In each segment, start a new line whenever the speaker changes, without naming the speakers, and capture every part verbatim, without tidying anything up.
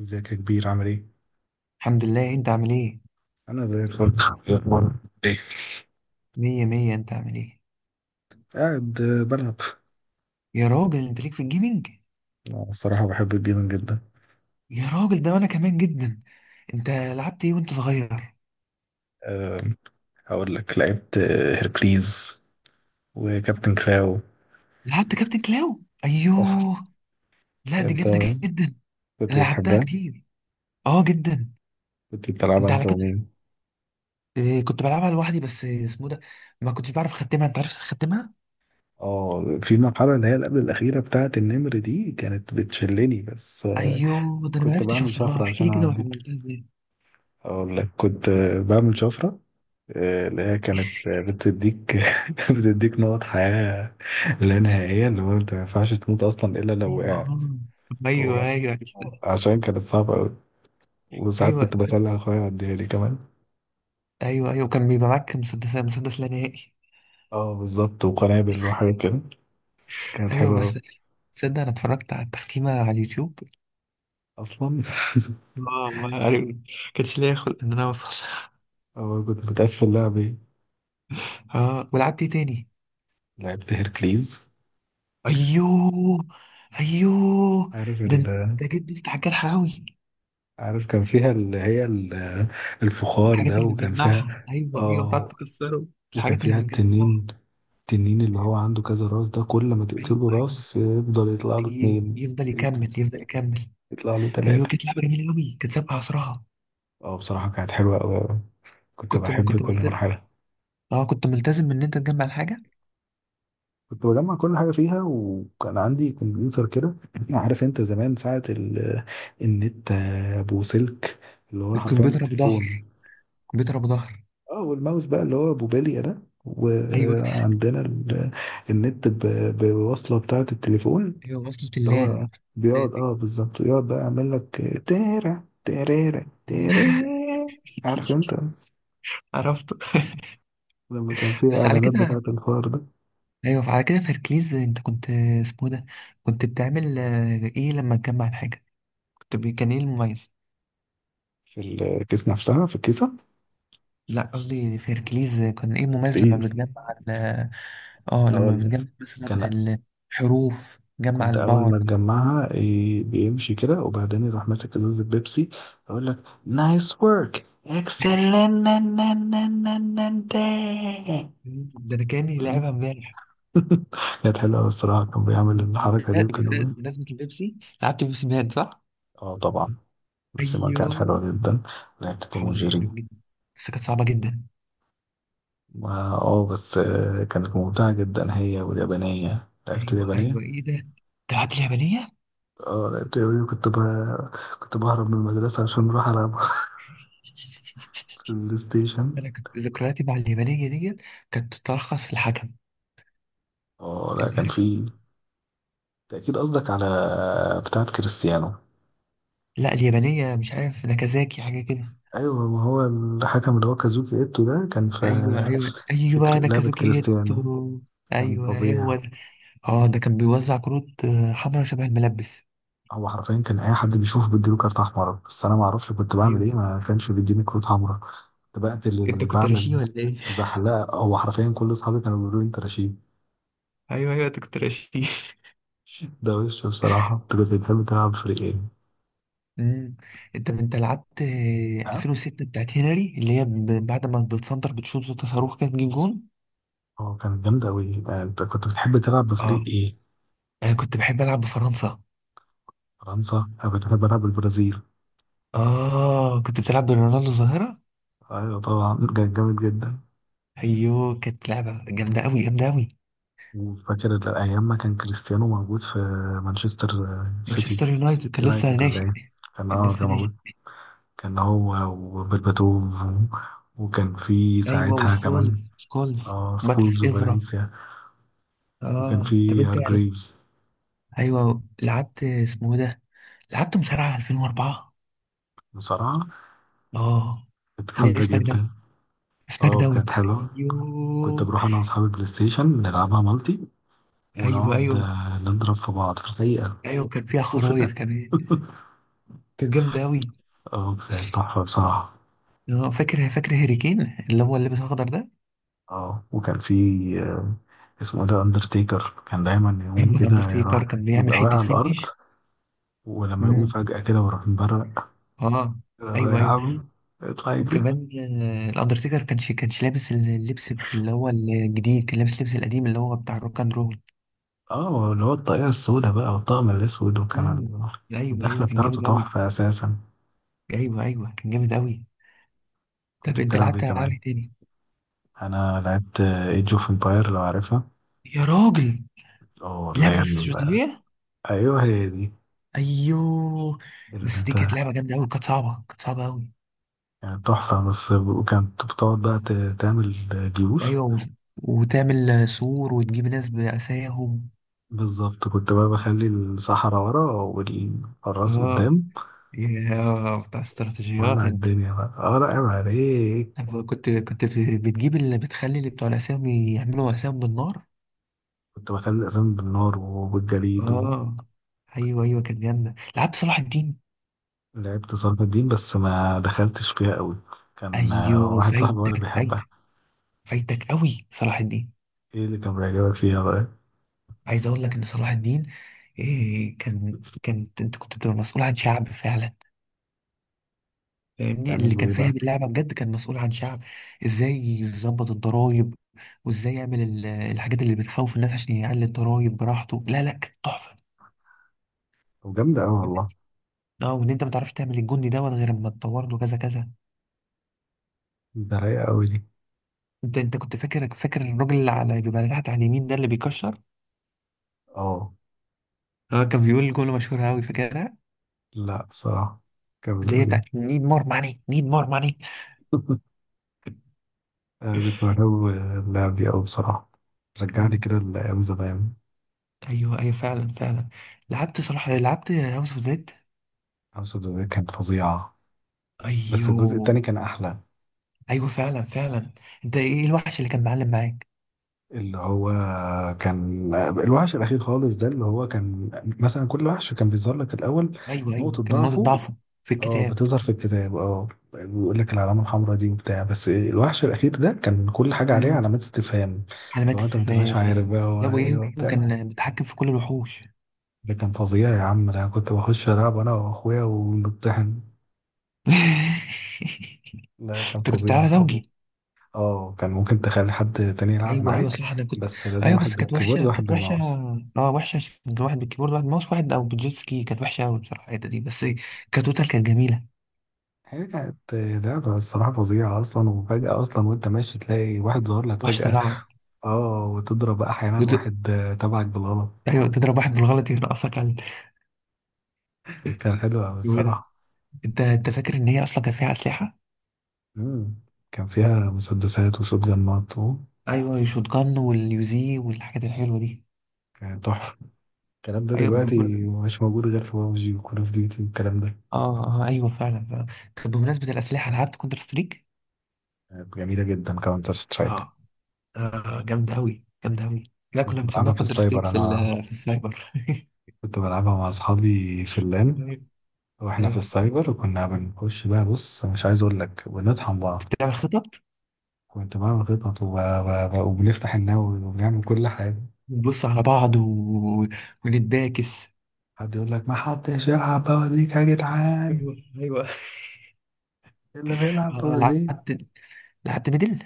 ازيك يا كبير؟ عامل ايه؟
الحمد لله. انت عامل ايه؟
انا زي الفل. إيه اخبارك؟ ايه.
مية مية. انت عامل ايه؟
قاعد آه، بلعب.
يا راجل، انت ليك في الجيمنج.
أنا الصراحة بحب الجيمنج جدا.
يا راجل، ده انا كمان جدا. انت لعبت ايه وانت صغير؟
آه، هقول لك لعبت آه، هيركليز وكابتن كلاو.
لعبت كابتن كلاو،
آه،
ايوه. لا، دي
انت
جامده. جدا. انا
كنت
لعبتها
بتحبها؟
كتير. اه، جدا.
كنت بتلعبها
انت على
انت
كده.
ومين؟
اه، كنت بلعبها لوحدي، بس اسمه ده. ما كنتش بعرف اختمها. انت عرفت تختمها؟
اه، في المرحلة اللي هي اللي قبل الأخيرة بتاعت النمر دي كانت بتشلني بس. آه،
ايوه، ده انا ما
كنت
عرفتش
بعمل
اوصل لها.
شفرة
احكي
عشان
لي كده،
أعدي.
وعملتها ازاي؟
أقول لك كنت آه، بعمل شفرة، آه، اللي هي كانت آه، بتديك. بتديك نقط حياة لا نهائية، اللي هو انت ما ينفعش تموت اصلا الا لو
ايوه،
وقعت.
اه.
هو
ايوه، ايوه، عرفتها.
عشان كانت صعبة أوي، وساعات
ايوه،
كنت بخلي أخويا يعديها لي كمان.
ايوه، ايوه، كان بيبقى معاك مسدس مسدس لا نهائي.
اه بالظبط، وقنابل وحاجات كده. كانت
ايوه،
حلوة أوي.
بس. تصدق انا اتفرجت على التختيمه على اليوتيوب؟
أصلا.
اه، ما عارف. كانش ليا خلق ان انا اوصل.
أول كنت بتقفل لعب إيه؟
اه، ولعبت ايه تاني؟
لعبت هيركليز.
ايوه، ايوه،
عارف ال
ده انت، جد انت حاجات حراوي.
عارف كان فيها اللي هي ال- الفخار
الحاجات
ده،
اللي
وكان
بتجمعها،
فيها.
ايوه، ايوه، بتقعد
اه،
تكسره.
وكان
الحاجات اللي
فيها
بتجمعها.
التنين. التنين اللي هو عنده كذا راس ده، كل ما
ايوه،
تقتله
ايوه،
راس يفضل يطلع له
ي-
اتنين،
يفضل يكمل، يفضل يكمل.
يطلع له
ايوه،
تلاتة.
كانت لعبه جميله قوي، كانت سابقه عصرها.
اه، بصراحة كانت حلوة أوي أوي. كنت
كنت
بحب
كنت
كل
ملتزم.
مرحلة.
اه، كنت ملتزم ان انت تجمع الحاجه.
كنت بجمع كل حاجة فيها، وكان عندي كمبيوتر كده. عارف انت زمان ساعة ال... النت ابو سلك، اللي هو حرفيا
الكمبيوتر ابو
بالتليفون.
ظهر. الكمبيوتر ابو ظهر.
اه، والماوس بقى اللي هو ابو بالية ده،
ايوه،
وعندنا ال... النت ب... بوصلة بتاعة التليفون، اللي
ايوه، وصلت اللان
هو بيقعد
ذاتي.
اه بالظبط، ويقعد بقى يعمل لك تيرا تيريرا تيري. عارف انت
عرفته.
لما كان في
بس على
اعلانات
كده.
بتاعة الفار ده.
ايوه، على كده في هركليز انت كنت، اسمه ده، كنت بتعمل آه، ايه لما تجمع الحاجه؟ كنت ب- كان ايه المميز؟
في الكيس نفسها، في الكيسة،
لا، قصدي في هركليز كان ايه المميز لما
كيس.
بتجمع ال- اه، لما
هقول لك
بتجمع مثلا
كان،
الحروف، جمع
كنت اول
الباور.
ما تجمعها إيه، بيمشي كده، وبعدين يروح ماسك ازازة بيبسي، اقول لك نايس ورك اكسلنت.
ده انا كاني لعبها امبارح.
كانت حلوه أوي الصراحه، كان بيعمل الحركه دي،
بمنا-
وكان.
بمناسبة البيبسي، لعبت بيبسي مان، صح؟
اه طبعا، نفس ما كانت
ايوه،
حلوة جدا. لعبت توم
حول الله،
وجيري.
حلوة جدا. بس كانت صعبة جدا.
ما- اه بس آه، كانت ممتعة جدا، هي واليابانية، لعبت
ايوه،
اليابانية.
ايوه، ايه ده؟ تلعب اليابانية؟
اه، لعبت اليابانية وكنت ب... كنت بهرب من المدرسة عشان أروح ألعب في البلاي ستيشن.
انا كنت ذكرياتي مع اليابانية ديت كانت تتلخص في الحكم.
اه لا،
انت
كان
عارف؟
في. أنت أكيد قصدك على بتاعة كريستيانو.
لا، اليابانية مش عارف، ناكازاكي حاجة كده.
أيوة، ما هو الحكم اللي هو كازوكي إيتو ده كان في
ايوه، ايوه، ايوه،
فكرة لعبة
ناكازاكي
كريستيانو.
جيتو.
كان
ايوه، هو
فظيع.
ده. اه، ده كان بيوزع كروت آه، حمرا شبه الملبس.
هو حرفيا كان أي حد بيشوفه بيديله كارت أحمر، بس أنا معرفش كنت بعمل
ايوه.
إيه، ما كانش بيديني كروت حمراء. كنت بقتل
انت
اللي
كنت
بعمل
رشيد ولا ايه؟
زحلقة. هو حرفيا كل أصحابي كانوا بيقولوا لي أنت رشيد.
ايوه، ايوه، انت كنت رشيد.
ده وش بصراحة. أنت كنت بتحب تلعب بفريق إيه؟
امم انت انت لعبت آه،
اه،
ألفين وستة بتاعت هنري، اللي هي ب- بعد ما بتسنتر بتشوط صوت صاروخ كده تجيب جون.
هو كانت جامدة أوي. آه، أنت كنت بتحب تلعب بفريق
اه،
إيه؟
انا كنت بحب العب بفرنسا.
فرنسا؟ أنا كنت بحب ألعب بالبرازيل.
اه، كنت بتلعب برونالدو الظاهرة.
أيوة طبعا، كان جامد جدا.
ايوه، كانت لعبة جامدة قوي، جامدة قوي.
وفاكر ال- أيام ما كان كريستيانو موجود في مانشستر آه، سيتي،
مانشستر يونايتد كان لسه
يونايتد، ولا
ناشئ.
إيه؟ كان
كان
أه
لسه
كان
ناشئ.
موجود. كان هو، وبرباتوف و- وكان في
ايوه،
ساعتها كمان
وسكولز، سكولز،
أه سكولز
باتريس افرا.
وفالنسيا، وكان
اه، طب
في
انت،
هارجريفز.
ايوه، لعبت اسمه إيه ده، لعبت مصارعة ألفين واربعة.
بصراحة
اه.
كانت
لا،
جامدة
سماك داون.
جدا.
سماك
اه
داون.
كانت حلوة. كنت
ايوه.
بروح أنا وأصحابي البلاي ستيشن نلعبها مالتي،
ايوه،
ونقعد
ايوه،
آه، نضرب في بعض في الحقيقة،
ايوه، كان فيها
وفي
خرايط
الآخر.
كمان. كانت جامدة قوي.
اه، كانت تحفة بصراحة.
آه، فاكر، فاكر هاري كين، اللي هو اللي لابس اخضر ده؟
اه، وكان في، آه، اسمه إيه ده، أندرتيكر، كان دايما يقوم
ايوه،
كده يروح،
الاندرتيكر كان بيعمل
يبقى واقع
حته
على الأرض،
فينش.
ولما يقوم
امم.
فجأة كده ويروح مبرق.
اه،
هو يا
ايوه، ايوه،
عم اطلع يجري.
وكمان، آه، الاندرتيكر كانش كانش لابس اللبس اللي هو الجديد، كان لابس اللبس القديم اللي هو بتاع الروك اند رول.
اه، اللي هو الطاقية السوداء بقى والطقم الأسود، وكان
امم. ايوه، ايوه،
الدخلة
كان
بتاعته
جامد قوي.
تحفة أساسا.
ايوه، ايوه، كان جامد قوي. طب
كنت
انت
بتلعب ايه
لعبت العاب
كمان؟
إيه تاني؟
انا لعبت ايج اوف امباير، لو عارفها،
يا راجل!
او اللي
لعبه
هي ال-
الاستراتيجيه.
ايوه هي دي.
ايوه،
اللي
بس دي كانت
انت،
لعبه جامده قوي، كانت صعبه، كانت صعبه قوي.
يعني تحفه. بس وكانت بتقعد بقى ت- تعمل جيوش.
ايوه، و- وتعمل آه، سور وتجيب ناس باساهم.
بالظبط، كنت بقى بخلي الصحراء ورا والحراس
اه.
قدام،
يا بتاع استراتيجيات
وولع
انت!
الدنيا بقى. اه لا عيب عليك،
أنا كنت كنت بتجيب اللي بتخلي اللي بتوع الأسامي يعملوا أسامي بالنار.
كنت بخلي الاسامي بالنار وبالجليد.
اه، أيوه، أيوه، كانت جامدة. لعبت صلاح الدين.
ولعبت صلاح الدين بس ما دخلتش فيها قوي. كان آه،
أيوه،
واحد صاحبي وانا
فايتك،
بيحبها.
فايتك، فايتك أوي صلاح الدين.
ايه اللي كان بيعجبك فيها بقى؟
عايز أقول لك إن صلاح الدين، إيه، كان كانت أنت كنت بتبقى مسؤول عن شعب فعلا. فاهمني، اللي
تعملوا
كان
ايه
فاهم
بقى؟
اللعبة بجد كان مسؤول عن شعب. إزاي يظبط الضرايب، وإزاي يعمل ال- الحاجات اللي بتخوف الناس عشان يعلي الضرايب براحته. لا، لا، كانت تحفة.
وجامدة أوي والله.
اه، وان انت ما تعرفش تعمل الجندي دوت غير اما تطور له كذا كذا.
ده رايقة أوي دي.
انت انت كنت فاكر، فاكر الراجل اللي على بيبقى تحت على اليمين ده اللي بيكشر؟
اه
اه، كان بيقول جمله مشهوره قوي، فاكرها؟
لا بصراحة. كان
اللي هي
بيقول
بتاعت
يعني.
نيد مور ماني، نيد مور ماني.
أنا كنت بحب اللعب دي أوي بصراحة. رجعني كده لأيام زمان.
ايوه، ايوه، فعلا، فعلا. لعبت صلاح لعبت هاوس اوف زيد.
هاوس اوف ذا كانت فظيعة. بس الجزء
ايوه.
التاني كان أحلى.
ايوه، فعلا، فعلا. انت ايه، إيه الوحش اللي كان معلم معاك؟
اللي هو كان الوحش الأخير خالص ده، اللي هو كان مثلا كل وحش كان بيظهر لك الأول
ايوه،
نقطة
ايوه، كان نقطه
ضعفه.
ضعفه في
اه،
الكتاب.
بتظهر في الكتاب. اه، بيقول لك العلامة الحمراء دي وبتاع، بس الوحش الأخير ده كان كل حاجة عليه
امم
علامات استفهام.
علامات
لو أنت ما تبقاش عارف
استفهام.
بقى هو
لا،
إيه
وايه،
وبتاع،
وكان متحكم في كل الوحوش.
ده كان فظيع يا عم. ده أنا كنت بخش ألعب أنا وأخويا ونطحن.
انت
ده كان
كنت
فظيع
بتلعبها
بصراحة.
زوجي؟
اه، كان ممكن تخلي حد تاني يلعب
ايوه، ايوه،
معاك،
صح، انا كنت.
بس لازم
ايوه،
واحد
بس كانت
بالكيبورد
وحشه،
وواحد
كانت وحشه.
بالماوس.
اه، وحشه عشان كان واحد بالكيبورد، واحد ماوس، واحد او بالجيت سكي. كانت وحشه قوي بصراحه الحته دي بس. كتوتال كانت جميله.
هي كانت لعبة الصراحة فظيعة أصلا. وفجأة أصلا وأنت ماشي تلاقي واحد ظهر لك
وحشه
فجأة،
طلعنا.
اه، وتضرب أحيانا
وت...
واحد آه، تبعك بالغلط.
ايوه، تضرب واحد بالغلط، يرقصك على
كان حلو أوي
الجو ده.
الصراحة.
انت انت فاكر ان هي اصلا كان فيها اسلحه؟
مم. كان فيها مسدسات وشوت جنات و-
ايوه، الشوت جان واليوزي والحاجات الحلوه دي.
كان تحفة. الكلام ده
ايوه،
دلوقتي
بم...
مش موجود غير في بابجي وكول أوف ديوتي والكلام ده.
اه، اه، ايوه، فعلا، فعلا. طب بمناسبه الاسلحه، لعبت كونتر ستريك؟
جميلة جدا كاونتر سترايك.
اه. آه، جامده قوي، جامده قوي. لا، كنا
كنت
بنسميها
بلعبها في
كونتر ستريك
السايبر
في
أنا.
ال- في السايبر.
كنت بلعبها مع أصحابي في اللان،
طيب.
وإحنا في
ايوه،
السايبر. وكنا بنخش بقى، بص، مش عايز أقول لك بنطحن بعض.
بتعمل خطط.
كنت بعمل خطط وب... وب... وبنفتح النووي وبنعمل كل حاجة.
نبص على بعض و... ونتباكس.
حد يقول لك ما حدش يلعب بوازيك يا جدعان.
ايوه، ايوه.
إيه اللي بيلعب
اه،
بوازيك.
لعبت لعبت ميدل.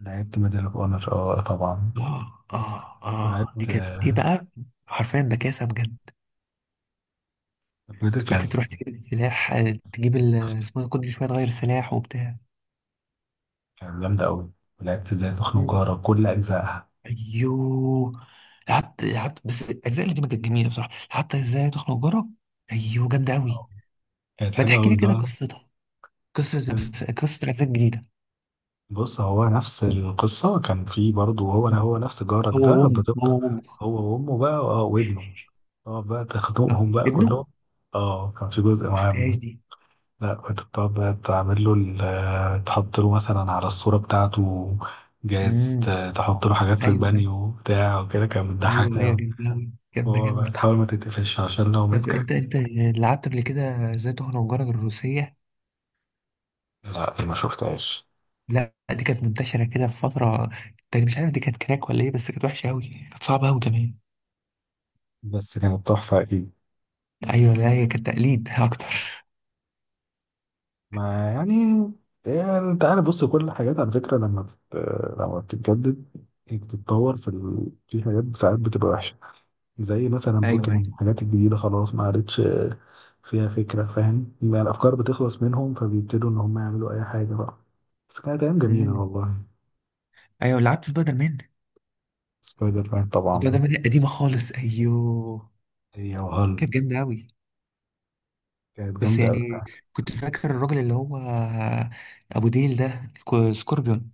لعبت ميدل أوف أونر، أه طبعا.
اه، اه، اه، دي
ولعبت
كانت دي
آه،
بقى حرفيا بكاسه بجد.
ميدل.
كنت
كانت
تروح تجيب السلاح، آه، تجيب ال- اسمه إيه ده، كل شويه تغير سلاح وبتاع.
كانت جامدة أوي. ولعبت إزاي تخنق
مم.
جارك كل أجزائها،
ايوه، لعبت لعبت. بس الاجزاء اللي دي ما كانت جميله بصراحه. لعبت ازاي تخنق جارك. ايوه، جامده قوي.
كانت
ما
حلوة
تحكي لي
أوي.
كده قصتها، قصه،
ده
قصه الاجزاء الجديده.
بص، هو نفس القصة. كان في برضه هو هو نفس جارك
هو
ده،
وامه، هو
بتفضل
وامه.
هو وأمه بقى، اه، وابنه. اه، بقى
صح،
تخنقهم بقى
ابنه ما
كلهم. اه، كان في جزء مع
شفتهاش
ابنه.
دي.
لا، كنت بتقعد بقى تعمل له ال- آه، تحط له مثلا على الصورة بتاعته. جايز
امم،
ت- تحط له حاجات في
ايوه، ايوه.
البانيو بتاع وكده، كان
ايوه،
بتضحكني
ايوه،
أوي.
جامده أوي. جامده،
هو بقى
جامده.
تحاول ما تتقفش عشان لو
طب
مسكك.
انت انت لعبت قبل كده ازاي تخنق جارك الروسيه؟
لا، دي ما شفتهاش.
لا، دي كانت منتشره كده في فتره تاني، مش عارف دي كانت كراك ولا ايه، بس كانت وحشه قوي، كانت صعبه قوي كمان.
بس كانت تحفة أكيد.
ايوه، لا هي كانت تقليد اكتر.
ما يعني، يعني انت عارف بص، كل الحاجات على فكرة لما بت... لما بتتجدد، بتتطور في ال... في حاجات ساعات بتبقى وحشة. زي مثلا
ايوه،
بوكيمون
ايوه.
الحاجات الجديدة خلاص ما عادتش فيها فكرة، فاهم؟ يعني الأفكار بتخلص منهم فبيبتدوا إن هم يعملوا أي حاجة بقى. بس كانت أيام جميلة
امم،
والله.
ايوه، لعبت سبايدر مان.
سبايدر مان
سبايدر
طبعا.
مان قديمه خالص، ايوه.
هي وهل،
كانت جامده قوي.
كانت
بس
جامدة أوي
يعني،
بقى.
كنت فاكر الراجل اللي هو ابو ديل ده، كو- سكوربيون؟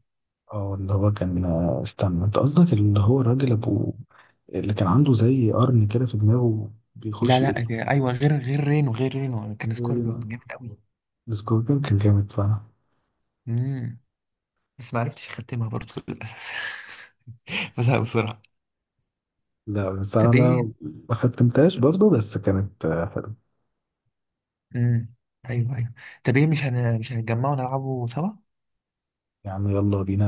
اه، اللي هو كان، استنى، انت قصدك اللي هو الراجل ابو، اللي كان عنده زي قرن كده في دماغه
لا،
بيخش.
لا، ده- ايوه، غير غير رينو، غير رينو، كان سكوربيون جامد قوي.
سكوربيون كان جامد فعلا.
امم بس ما عرفتش اختمها برضه، للاسف. بزهق بسرعه.
لا، بس انا
طب ايه؟
ما ما ختمتهاش برضه، بس كانت آه، حلوه.
امم، ايوه، ايوه. طب ايه، مش هن... مش هنتجمع ونلعبه سوا؟
يعني يلا بينا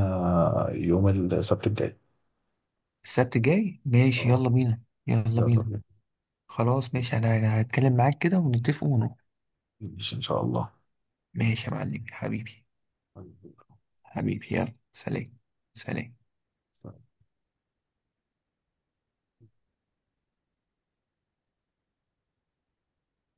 يوم السبت الجاي.
السبت الجاي، ماشي،
اه
يلا بينا. يلا
يلا
بينا.
بينا.
خلاص،
ماشي.
ماشي، انا هتكلم معاك كده ونتفق ونروح.
ماشي ان شاء
ماشي يا معلم حبيبي.
الله
حبيبي، يلا، سلام. سلام.